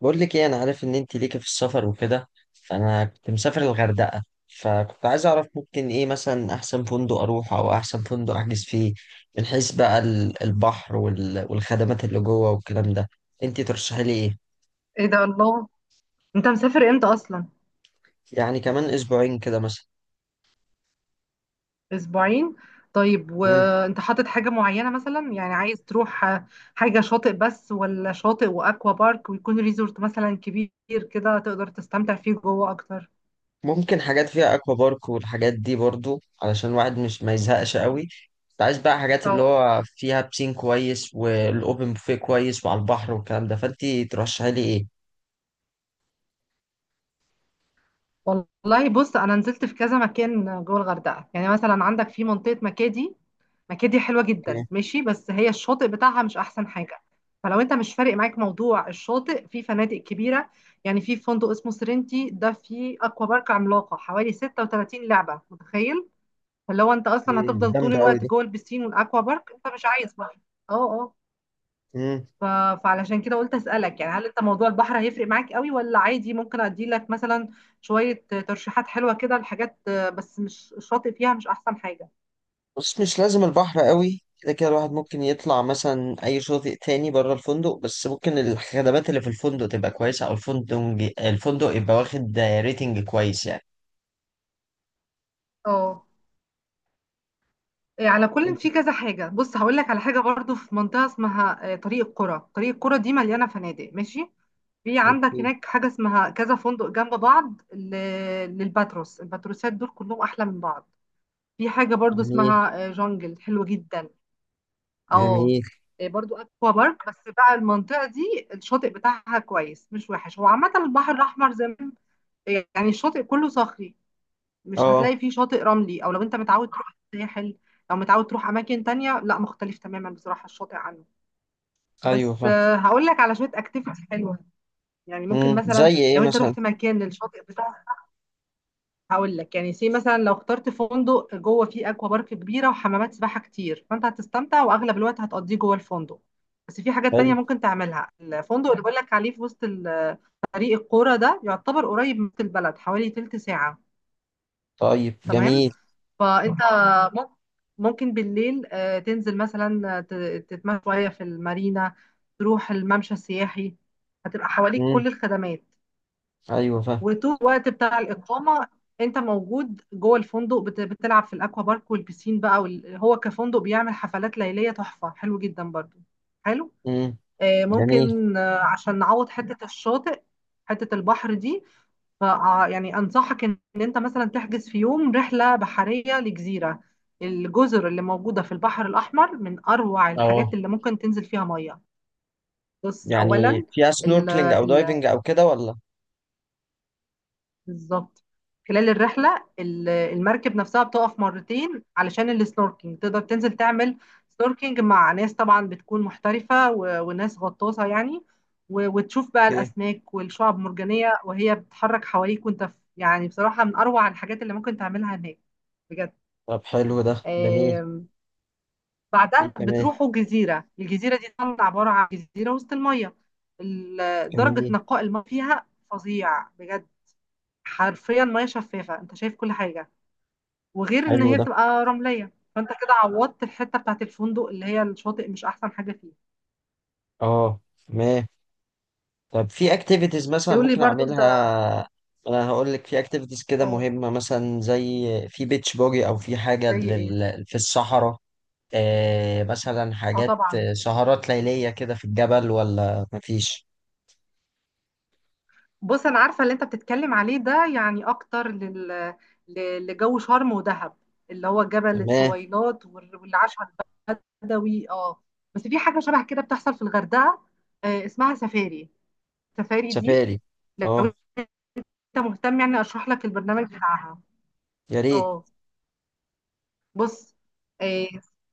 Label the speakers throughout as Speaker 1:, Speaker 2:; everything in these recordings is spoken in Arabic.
Speaker 1: بقول لك ايه، انا عارف ان انت ليكي في السفر وكده، فانا كنت مسافر الغردقه، فكنت عايز اعرف ممكن ايه مثلا احسن فندق اروح او احسن فندق احجز فيه من حيث بقى البحر والخدمات اللي جوه والكلام ده. انت ترشحي لي ايه؟
Speaker 2: ايه ده الله. انت مسافر امتى اصلا؟
Speaker 1: يعني كمان اسبوعين كده مثلا.
Speaker 2: اسبوعين. طيب
Speaker 1: مم.
Speaker 2: وانت حاطط حاجة معينة مثلا، يعني عايز تروح؟ حاجة شاطئ بس ولا شاطئ واكوا بارك، ويكون ريزورت مثلا كبير كده تقدر تستمتع فيه جوه اكتر؟
Speaker 1: ممكن حاجات فيها اكوا بارك والحاجات دي برضو علشان الواحد مش ما يزهقش قوي. كنت عايز بقى حاجات اللي
Speaker 2: اه.
Speaker 1: هو فيها بسين كويس والاوبن بوفيه كويس وعلى البحر والكلام ده، فانت ترشحي لي ايه؟
Speaker 2: والله بص، انا نزلت في كذا مكان جوه الغردقه. يعني مثلا عندك في منطقه مكادي. مكادي حلوه جدا
Speaker 1: اوكي.
Speaker 2: ماشي، بس هي الشاطئ بتاعها مش احسن حاجه. فلو انت مش فارق معاك موضوع الشاطئ، في فنادق كبيره. يعني في فندق اسمه سرينتي، ده فيه اكوا بارك عملاقه حوالي 36 لعبه، متخيل؟ فلو انت اصلا
Speaker 1: إيه،
Speaker 2: هتفضل طول
Speaker 1: جامدة أوي
Speaker 2: الوقت
Speaker 1: دي.
Speaker 2: جوه البسين والاكوا بارك، انت مش عايز بقى. اه، آه.
Speaker 1: مم.
Speaker 2: ف... فعلشان كده قلت اسالك، يعني هل انت موضوع البحر هيفرق معاك قوي ولا عادي؟ ممكن ادي لك مثلا شويه ترشيحات حلوه كده لحاجات، بس مش الشاطئ فيها مش احسن حاجه.
Speaker 1: بص، مش لازم البحر قوي، كده كده الواحد ممكن يطلع مثلا اي شاطئ تاني بره الفندق، بس ممكن الخدمات اللي في الفندق تبقى كويسه، او الفندق يبقى واخد ريتنج كويس يعني.
Speaker 2: اه. إيه، على كل
Speaker 1: انت.
Speaker 2: في كذا حاجه. بص هقول لك على حاجه برضو، في منطقه اسمها طريق القرى. طريق القرى دي مليانه فنادق ماشي. في عندك
Speaker 1: اوكي.
Speaker 2: هناك حاجه اسمها كذا فندق جنب بعض للباتروس. الباتروسات دول كلهم احلى من بعض. في حاجه برضو
Speaker 1: جميل.
Speaker 2: اسمها جونجل، حلوه جدا. اه.
Speaker 1: جميل.
Speaker 2: إيه، برضو اكوا بارك، بس بقى المنطقه دي الشاطئ بتاعها كويس مش وحش. هو عامه البحر الاحمر زي ما- يعني الشاطئ كله صخري، مش
Speaker 1: اه،
Speaker 2: هتلاقي فيه شاطئ رملي. او لو انت متعود تروح الساحل، لو متعود تروح اماكن تانية، لا، مختلف تماما بصراحه الشاطئ عنه.
Speaker 1: ايوه
Speaker 2: بس
Speaker 1: فاهم.
Speaker 2: هقول لك على شويه اكتيفيتي حلوه يعني، ممكن
Speaker 1: مم.
Speaker 2: مثلا
Speaker 1: زي ايه
Speaker 2: لو انت
Speaker 1: مثلا؟
Speaker 2: رحت مكان الشاطئ بتاعه، هقول لك يعني سي مثلا. لو اخترت فندق جوه فيه اكوا بارك كبيره وحمامات سباحه كتير، فانت هتستمتع واغلب الوقت هتقضيه جوه الفندق. بس في حاجات
Speaker 1: حلو.
Speaker 2: تانية ممكن تعملها. الفندق اللي بقول لك عليه في وسط طريق القرى ده يعتبر قريب من وسط البلد، حوالي تلت ساعه.
Speaker 1: طيب
Speaker 2: تمام.
Speaker 1: جميل.
Speaker 2: فانت مم- ممكن بالليل تنزل مثلا، تتمشى شويه في المارينا، تروح الممشى السياحي، هتبقى حواليك
Speaker 1: مم.
Speaker 2: كل الخدمات.
Speaker 1: ايوه فاهم.
Speaker 2: وطول الوقت بتاع الإقامة أنت موجود جوه الفندق، بتلعب في الأكوا بارك والبسين بقى هو كفندق بيعمل حفلات ليلية تحفة، حلو جدا برضو، حلو.
Speaker 1: مم. جميل.
Speaker 2: ممكن عشان نعوض حتة الشاطئ، حتة البحر دي. ف آه، يعني أنصحك إن أنت مثلا تحجز في يوم رحلة بحرية لجزيرة. الجزر اللي موجودة في البحر الأحمر من أروع الحاجات
Speaker 1: اه
Speaker 2: اللي ممكن تنزل فيها مية. بص
Speaker 1: يعني
Speaker 2: أولا،
Speaker 1: فيها
Speaker 2: ال-
Speaker 1: سنوركلينج او
Speaker 2: ال-
Speaker 1: دايفنج او كده ولا
Speaker 2: بالظبط، خلال الرحلة المركب نفسها بتقف مرتين علشان السنوركينج، تقدر تنزل تعمل سنوركينج مع ناس طبعا بتكون محترفة وناس غطاسة يعني، وتشوف بقى
Speaker 1: ايه
Speaker 2: الأسماك والشعب المرجانية وهي بتتحرك حواليك وانت في، يعني بصراحة من أروع الحاجات اللي ممكن تعملها هناك بجد.
Speaker 1: طب حلو ده جميل
Speaker 2: آم،
Speaker 1: ايه
Speaker 2: بعدها
Speaker 1: كمان
Speaker 2: بتروحوا جزيرة. الجزيرة دي طبعا عبارة عن جزيرة وسط المية. درجة
Speaker 1: جميل
Speaker 2: نقاء الماء فيها فظيع بجد، حرفيا ميه شفافه انت شايف كل حاجه. وغير ان
Speaker 1: حلو
Speaker 2: هي
Speaker 1: ده
Speaker 2: بتبقى رمليه، فانت كده عوضت الحته بتاعت الفندق اللي هي الشاطئ مش احسن حاجه فيه.
Speaker 1: اه. ما. طب في اكتيفيتيز مثلا
Speaker 2: تقول لي
Speaker 1: ممكن
Speaker 2: برضو انت.
Speaker 1: اعملها؟ انا هقول لك في اكتيفيتيز كده
Speaker 2: اه.
Speaker 1: مهمة، مثلا زي في بيتش بوجي او في حاجة
Speaker 2: زي ايه؟
Speaker 1: في الصحراء. مثلا
Speaker 2: اه،
Speaker 1: حاجات
Speaker 2: طبعا.
Speaker 1: سهرات ليلية كده في الجبل ولا مفيش؟
Speaker 2: بص انا عارفه اللي انت بتتكلم عليه ده، يعني اكتر لجو شرم ودهب، اللي هو جبل
Speaker 1: تمام.
Speaker 2: الطويلات والعشاء البدوي. اه. بس في حاجه شبه كده بتحصل في الغردقه، اسمها سفاري. السفاري دي
Speaker 1: سفاري.
Speaker 2: لو
Speaker 1: اه.
Speaker 2: انت مهتم، يعني اشرح لك البرنامج بتاعها.
Speaker 1: يا ريت.
Speaker 2: اه. بص، آه،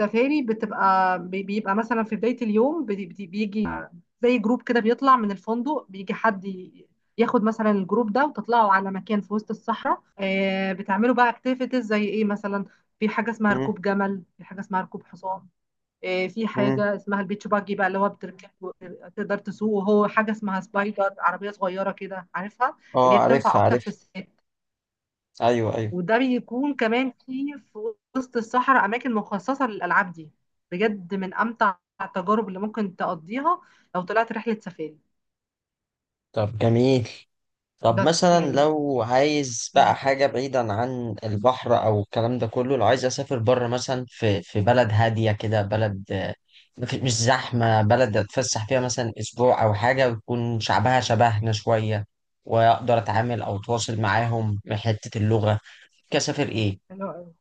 Speaker 2: السفاري بتبقى بيبقى مثلا في بداية اليوم، بيجي زي جروب كده بيطلع من الفندق، بيجي حد ياخد مثلا الجروب ده وتطلعوا على مكان في وسط الصحراء. بتعملوا بقى اكتيفيتيز زي ايه مثلا؟ في حاجة اسمها
Speaker 1: مم.
Speaker 2: ركوب جمل، في حاجة اسمها ركوب حصان، في
Speaker 1: مم.
Speaker 2: حاجة اسمها البيتش باجي، بقى اللي هو بتركب تقدر تسوق. وهو حاجة اسمها سبايدر، عربية صغيرة كده، عارفها؟ اللي
Speaker 1: اه،
Speaker 2: هي بتنفع
Speaker 1: عارفها
Speaker 2: أكتر في
Speaker 1: عارفها.
Speaker 2: الصيف.
Speaker 1: ايوه ايوه.
Speaker 2: وده بيكون كمان في وسط الصحراء، أماكن مخصصة للألعاب دي. بجد من أمتع التجارب اللي ممكن تقضيها لو طلعت رحلة سفاري.
Speaker 1: طب جميل. طب
Speaker 2: بس
Speaker 1: مثلا
Speaker 2: يعني.
Speaker 1: لو عايز بقى
Speaker 2: مم.
Speaker 1: حاجة بعيدا عن البحر أو الكلام ده كله، لو عايز أسافر بره مثلا، في بلد هادية كده، بلد، مش زحمة، بلد أتفسح فيها مثلا أسبوع أو حاجة، ويكون شعبها شبهنا شوية، وأقدر أتعامل أو أتواصل معاهم من حتة اللغة. كسافر إيه؟
Speaker 2: حلو. أوي.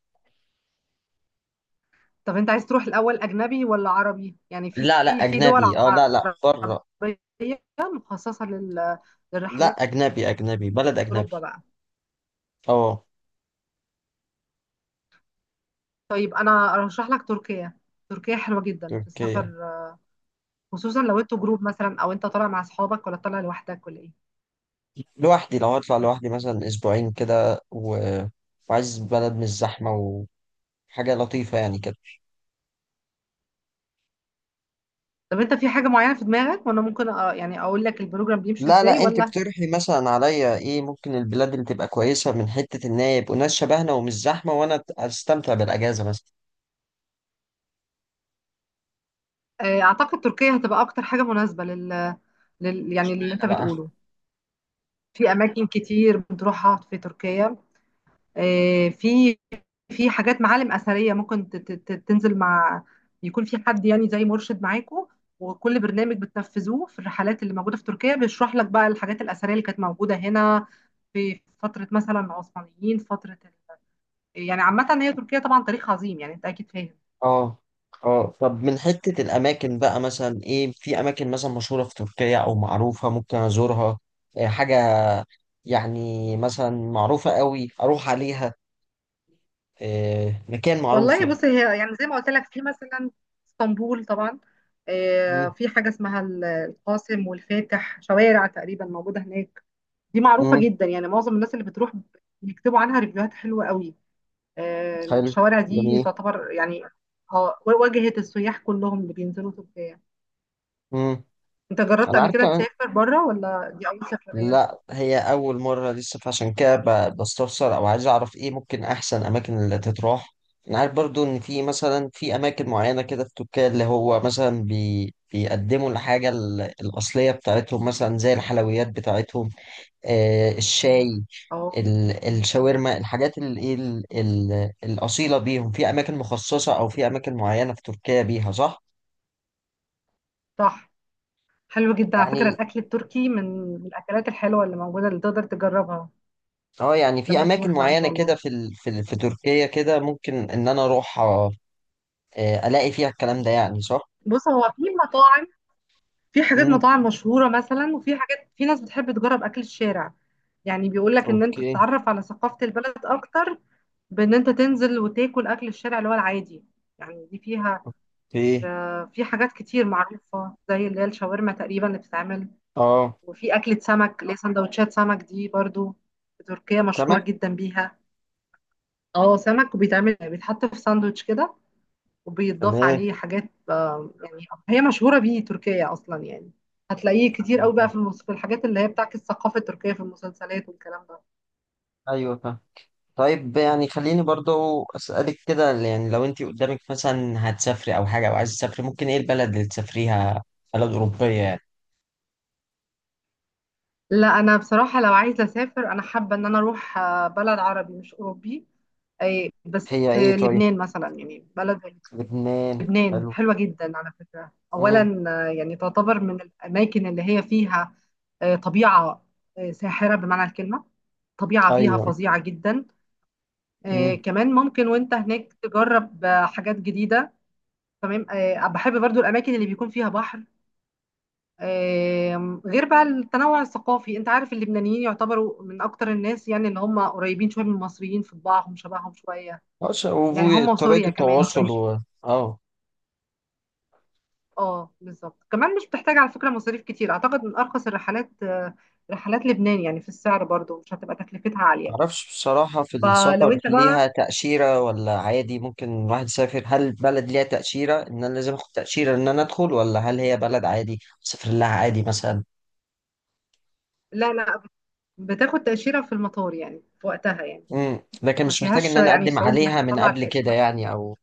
Speaker 2: طب أنت عايز تروح الأول أجنبي ولا عربي؟ يعني في
Speaker 1: لا لا،
Speaker 2: في دول
Speaker 1: أجنبي. أه. لا لا، بره.
Speaker 2: عربية مخصصة
Speaker 1: لا،
Speaker 2: للرحلات
Speaker 1: أجنبي أجنبي،
Speaker 2: دي،
Speaker 1: بلد أجنبي.
Speaker 2: أوروبا بقى.
Speaker 1: أه.
Speaker 2: طيب أنا أرشح لك تركيا. تركيا حلوة جدا في
Speaker 1: تركيا.
Speaker 2: السفر، خصوصا لو انتوا جروب مثلا، أو أنت طالع مع أصحابك ولا طالع لوحدك ولا إيه؟
Speaker 1: لوحدي، لو هطلع لوحدي مثلا اسبوعين كده وعايز بلد مش زحمه وحاجه لطيفه يعني كده.
Speaker 2: طب انت في حاجة معينة في دماغك وانا ممكن يعني اقول لك البروجرام بيمشي
Speaker 1: لا
Speaker 2: ازاي،
Speaker 1: لا، انت
Speaker 2: ولا؟
Speaker 1: اقترحي مثلا عليا ايه ممكن البلاد اللي تبقى كويسه، من حته ان هي يبقوا ناس شبهنا ومش زحمه، وانا استمتع بالاجازه مثلا.
Speaker 2: اعتقد تركيا هتبقى اكتر حاجة مناسبة لل... لل يعني اللي
Speaker 1: اشمعنى
Speaker 2: انت
Speaker 1: بقى؟
Speaker 2: بتقوله. في اماكن كتير بتروحها في تركيا، في في حاجات معالم اثرية، ممكن تنزل مع، يكون في حد يعني زي مرشد معاكو. وكل برنامج بتنفذوه في الرحلات اللي موجودة في تركيا بيشرح لك بقى الحاجات الأثرية اللي كانت موجودة هنا في فترة مثلا العثمانيين، فترة يعني عامة هي تركيا طبعا تاريخ عظيم، يعني انت اكيد فاهم.
Speaker 1: اه. اه، طب من حته الاماكن بقى مثلا ايه؟ في اماكن مثلا مشهوره في تركيا او معروفه ممكن ازورها؟ إيه حاجه يعني مثلا معروفه قوي اروح عليها؟ إيه مكان معروف
Speaker 2: والله بص، هي يعني زي ما قلت لك، في مثلا اسطنبول طبعا.
Speaker 1: يعني؟
Speaker 2: في حاجة اسمها القاسم والفاتح، شوارع تقريبا موجودة هناك. دي معروفة
Speaker 1: امم
Speaker 2: جدا، يعني معظم الناس اللي بتروح بيكتبوا عنها ريفيوهات حلوة قوي.
Speaker 1: حلو.
Speaker 2: الشوارع دي
Speaker 1: جميل.
Speaker 2: تعتبر يعني، اه، واجهة السياح كلهم اللي بينزلوا تركيا.
Speaker 1: امم
Speaker 2: انت جربت
Speaker 1: انا
Speaker 2: قبل
Speaker 1: عارف
Speaker 2: كده
Speaker 1: كمان.
Speaker 2: تسافر بره ولا دي أول سفرية؟
Speaker 1: لا، هي اول مره لسه، فعشان كده بستفسر او عايز اعرف ايه ممكن احسن اماكن اللي تتراح. انا عارف برضو ان في مثلا، في اماكن معينه كده في تركيا، اللي هو مثلا بيقدموا الحاجه الاصليه بتاعتهم مثلا زي الحلويات بتاعتهم. آه، الشاي،
Speaker 2: اه،
Speaker 1: الشاورما، الحاجات الاصيله بيهم، في اماكن مخصصه او في اماكن معينه في تركيا بيها، صح؟
Speaker 2: صح. حلو جدا على فكرة
Speaker 1: يعني
Speaker 2: الأكل التركي، من الأكلات الحلوة اللي موجودة اللي تقدر تجربها
Speaker 1: اه، يعني في
Speaker 2: لما
Speaker 1: اماكن
Speaker 2: تروح بقى إن
Speaker 1: معينه
Speaker 2: شاء
Speaker 1: كده
Speaker 2: الله.
Speaker 1: في في تركيا كده ممكن ان انا اروح، الاقي فيها الكلام ده يعني، صح؟
Speaker 2: بص هو في مطاعم، في حاجات
Speaker 1: امم
Speaker 2: مطاعم مشهورة مثلا، وفي حاجات في ناس بتحب تجرب أكل الشارع. يعني بيقول لك إن أنت
Speaker 1: اوكي.
Speaker 2: تتعرف على ثقافة البلد أكتر بإن أنت تنزل وتاكل أكل الشارع اللي هو العادي. يعني دي فيها،
Speaker 1: اوكي.
Speaker 2: في حاجات كتير معروفة زي اللي هي الشاورما تقريبا اللي بتتعمل،
Speaker 1: اه.
Speaker 2: وفي أكلة سمك اللي هي سندوتشات سمك، دي برضو في تركيا مشهورة
Speaker 1: سمك.
Speaker 2: جدا بيها. اه، سمك. وبيتعمل يعني بيتحط في ساندوتش كده، وبيتضاف
Speaker 1: تمام.
Speaker 2: عليه حاجات، يعني هي مشهورة بيه تركيا أصلا. يعني هتلاقيه كتير
Speaker 1: ايوه
Speaker 2: قوي بقى
Speaker 1: فاهم.
Speaker 2: في في الحاجات اللي هي بتعكس الثقافة التركية في المسلسلات والكلام ده.
Speaker 1: أيوة فاهم. طيب، يعني خليني برضو اسالك كده، يعني لو انت قدامك مثلا هتسافري او حاجه او عايز تسافري، ممكن ايه البلد اللي تسافريها؟ بلد اوروبيه يعني.
Speaker 2: لا، أنا بصراحة لو عايزة أسافر أنا حابة إن أنا أروح بلد عربي مش أوروبي. أي، بس
Speaker 1: هي ايه طيب؟
Speaker 2: لبنان مثلا، يعني بلد زي
Speaker 1: لبنان
Speaker 2: لبنان.
Speaker 1: حلو.
Speaker 2: حلوة جدا على فكرة
Speaker 1: امم
Speaker 2: أولا، يعني تعتبر من الأماكن اللي هي فيها طبيعة ساحرة بمعنى الكلمة، طبيعة فيها
Speaker 1: ايوه.
Speaker 2: فظيعة جدا.
Speaker 1: امم
Speaker 2: كمان ممكن وانت هناك تجرب حاجات جديدة. تمام. بحب برضو الأماكن اللي بيكون فيها بحر. غير بقى التنوع الثقافي، انت عارف اللبنانيين يعتبروا من أكتر الناس يعني اللي هم قريبين شوية من المصريين في طباعهم، شبههم شوية، يعني هم
Speaker 1: طريقه
Speaker 2: وسوريا كمان
Speaker 1: التواصل
Speaker 2: قريبين.
Speaker 1: و... اه.
Speaker 2: اه، بالظبط. كمان مش بتحتاج على فكرة مصاريف كتير، أعتقد من أرخص الرحلات رحلات لبنان، يعني في السعر برضو مش هتبقى تكلفتها عالية.
Speaker 1: معرفش بصراحة، في السفر
Speaker 2: فلو انت
Speaker 1: ليها
Speaker 2: بقى.
Speaker 1: تأشيرة ولا عادي ممكن الواحد يسافر؟ هل بلد ليها تأشيرة إن أنا لازم أخد تأشيرة إن أنا أدخل، ولا هل هي بلد عادي أسافر لها عادي مثلا؟
Speaker 2: لا، لا، بتاخد تأشيرة في المطار يعني، في وقتها يعني،
Speaker 1: لكن
Speaker 2: ما
Speaker 1: مش محتاج إن
Speaker 2: فيهاش
Speaker 1: أنا
Speaker 2: يعني
Speaker 1: أقدم
Speaker 2: صعوبة
Speaker 1: عليها
Speaker 2: انك
Speaker 1: من
Speaker 2: تطلع
Speaker 1: قبل كده
Speaker 2: التأشيرة بتاعتك.
Speaker 1: يعني أو...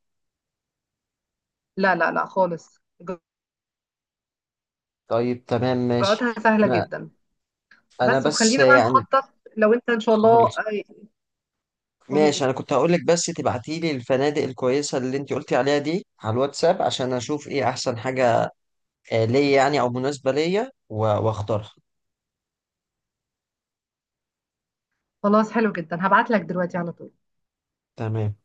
Speaker 2: لا، لا، لا، خالص.
Speaker 1: طيب تمام،
Speaker 2: اجراءاتها
Speaker 1: ماشي.
Speaker 2: سهلة
Speaker 1: أنا.
Speaker 2: جدا.
Speaker 1: أنا
Speaker 2: بس
Speaker 1: بس
Speaker 2: وخلينا بقى
Speaker 1: يعني.
Speaker 2: نخطط لو انت ان شاء الله،
Speaker 1: خالص.
Speaker 2: قول
Speaker 1: ماشي،
Speaker 2: لي.
Speaker 1: أنا كنت هقولك بس تبعتيلي الفنادق الكويسة اللي أنت قلتي عليها دي على الواتساب، عشان أشوف إيه أحسن حاجة ليا يعني، أو مناسبة ليا، وأختارها.
Speaker 2: خلاص حلو جدا، هبعت لك دلوقتي على طول.
Speaker 1: تمام.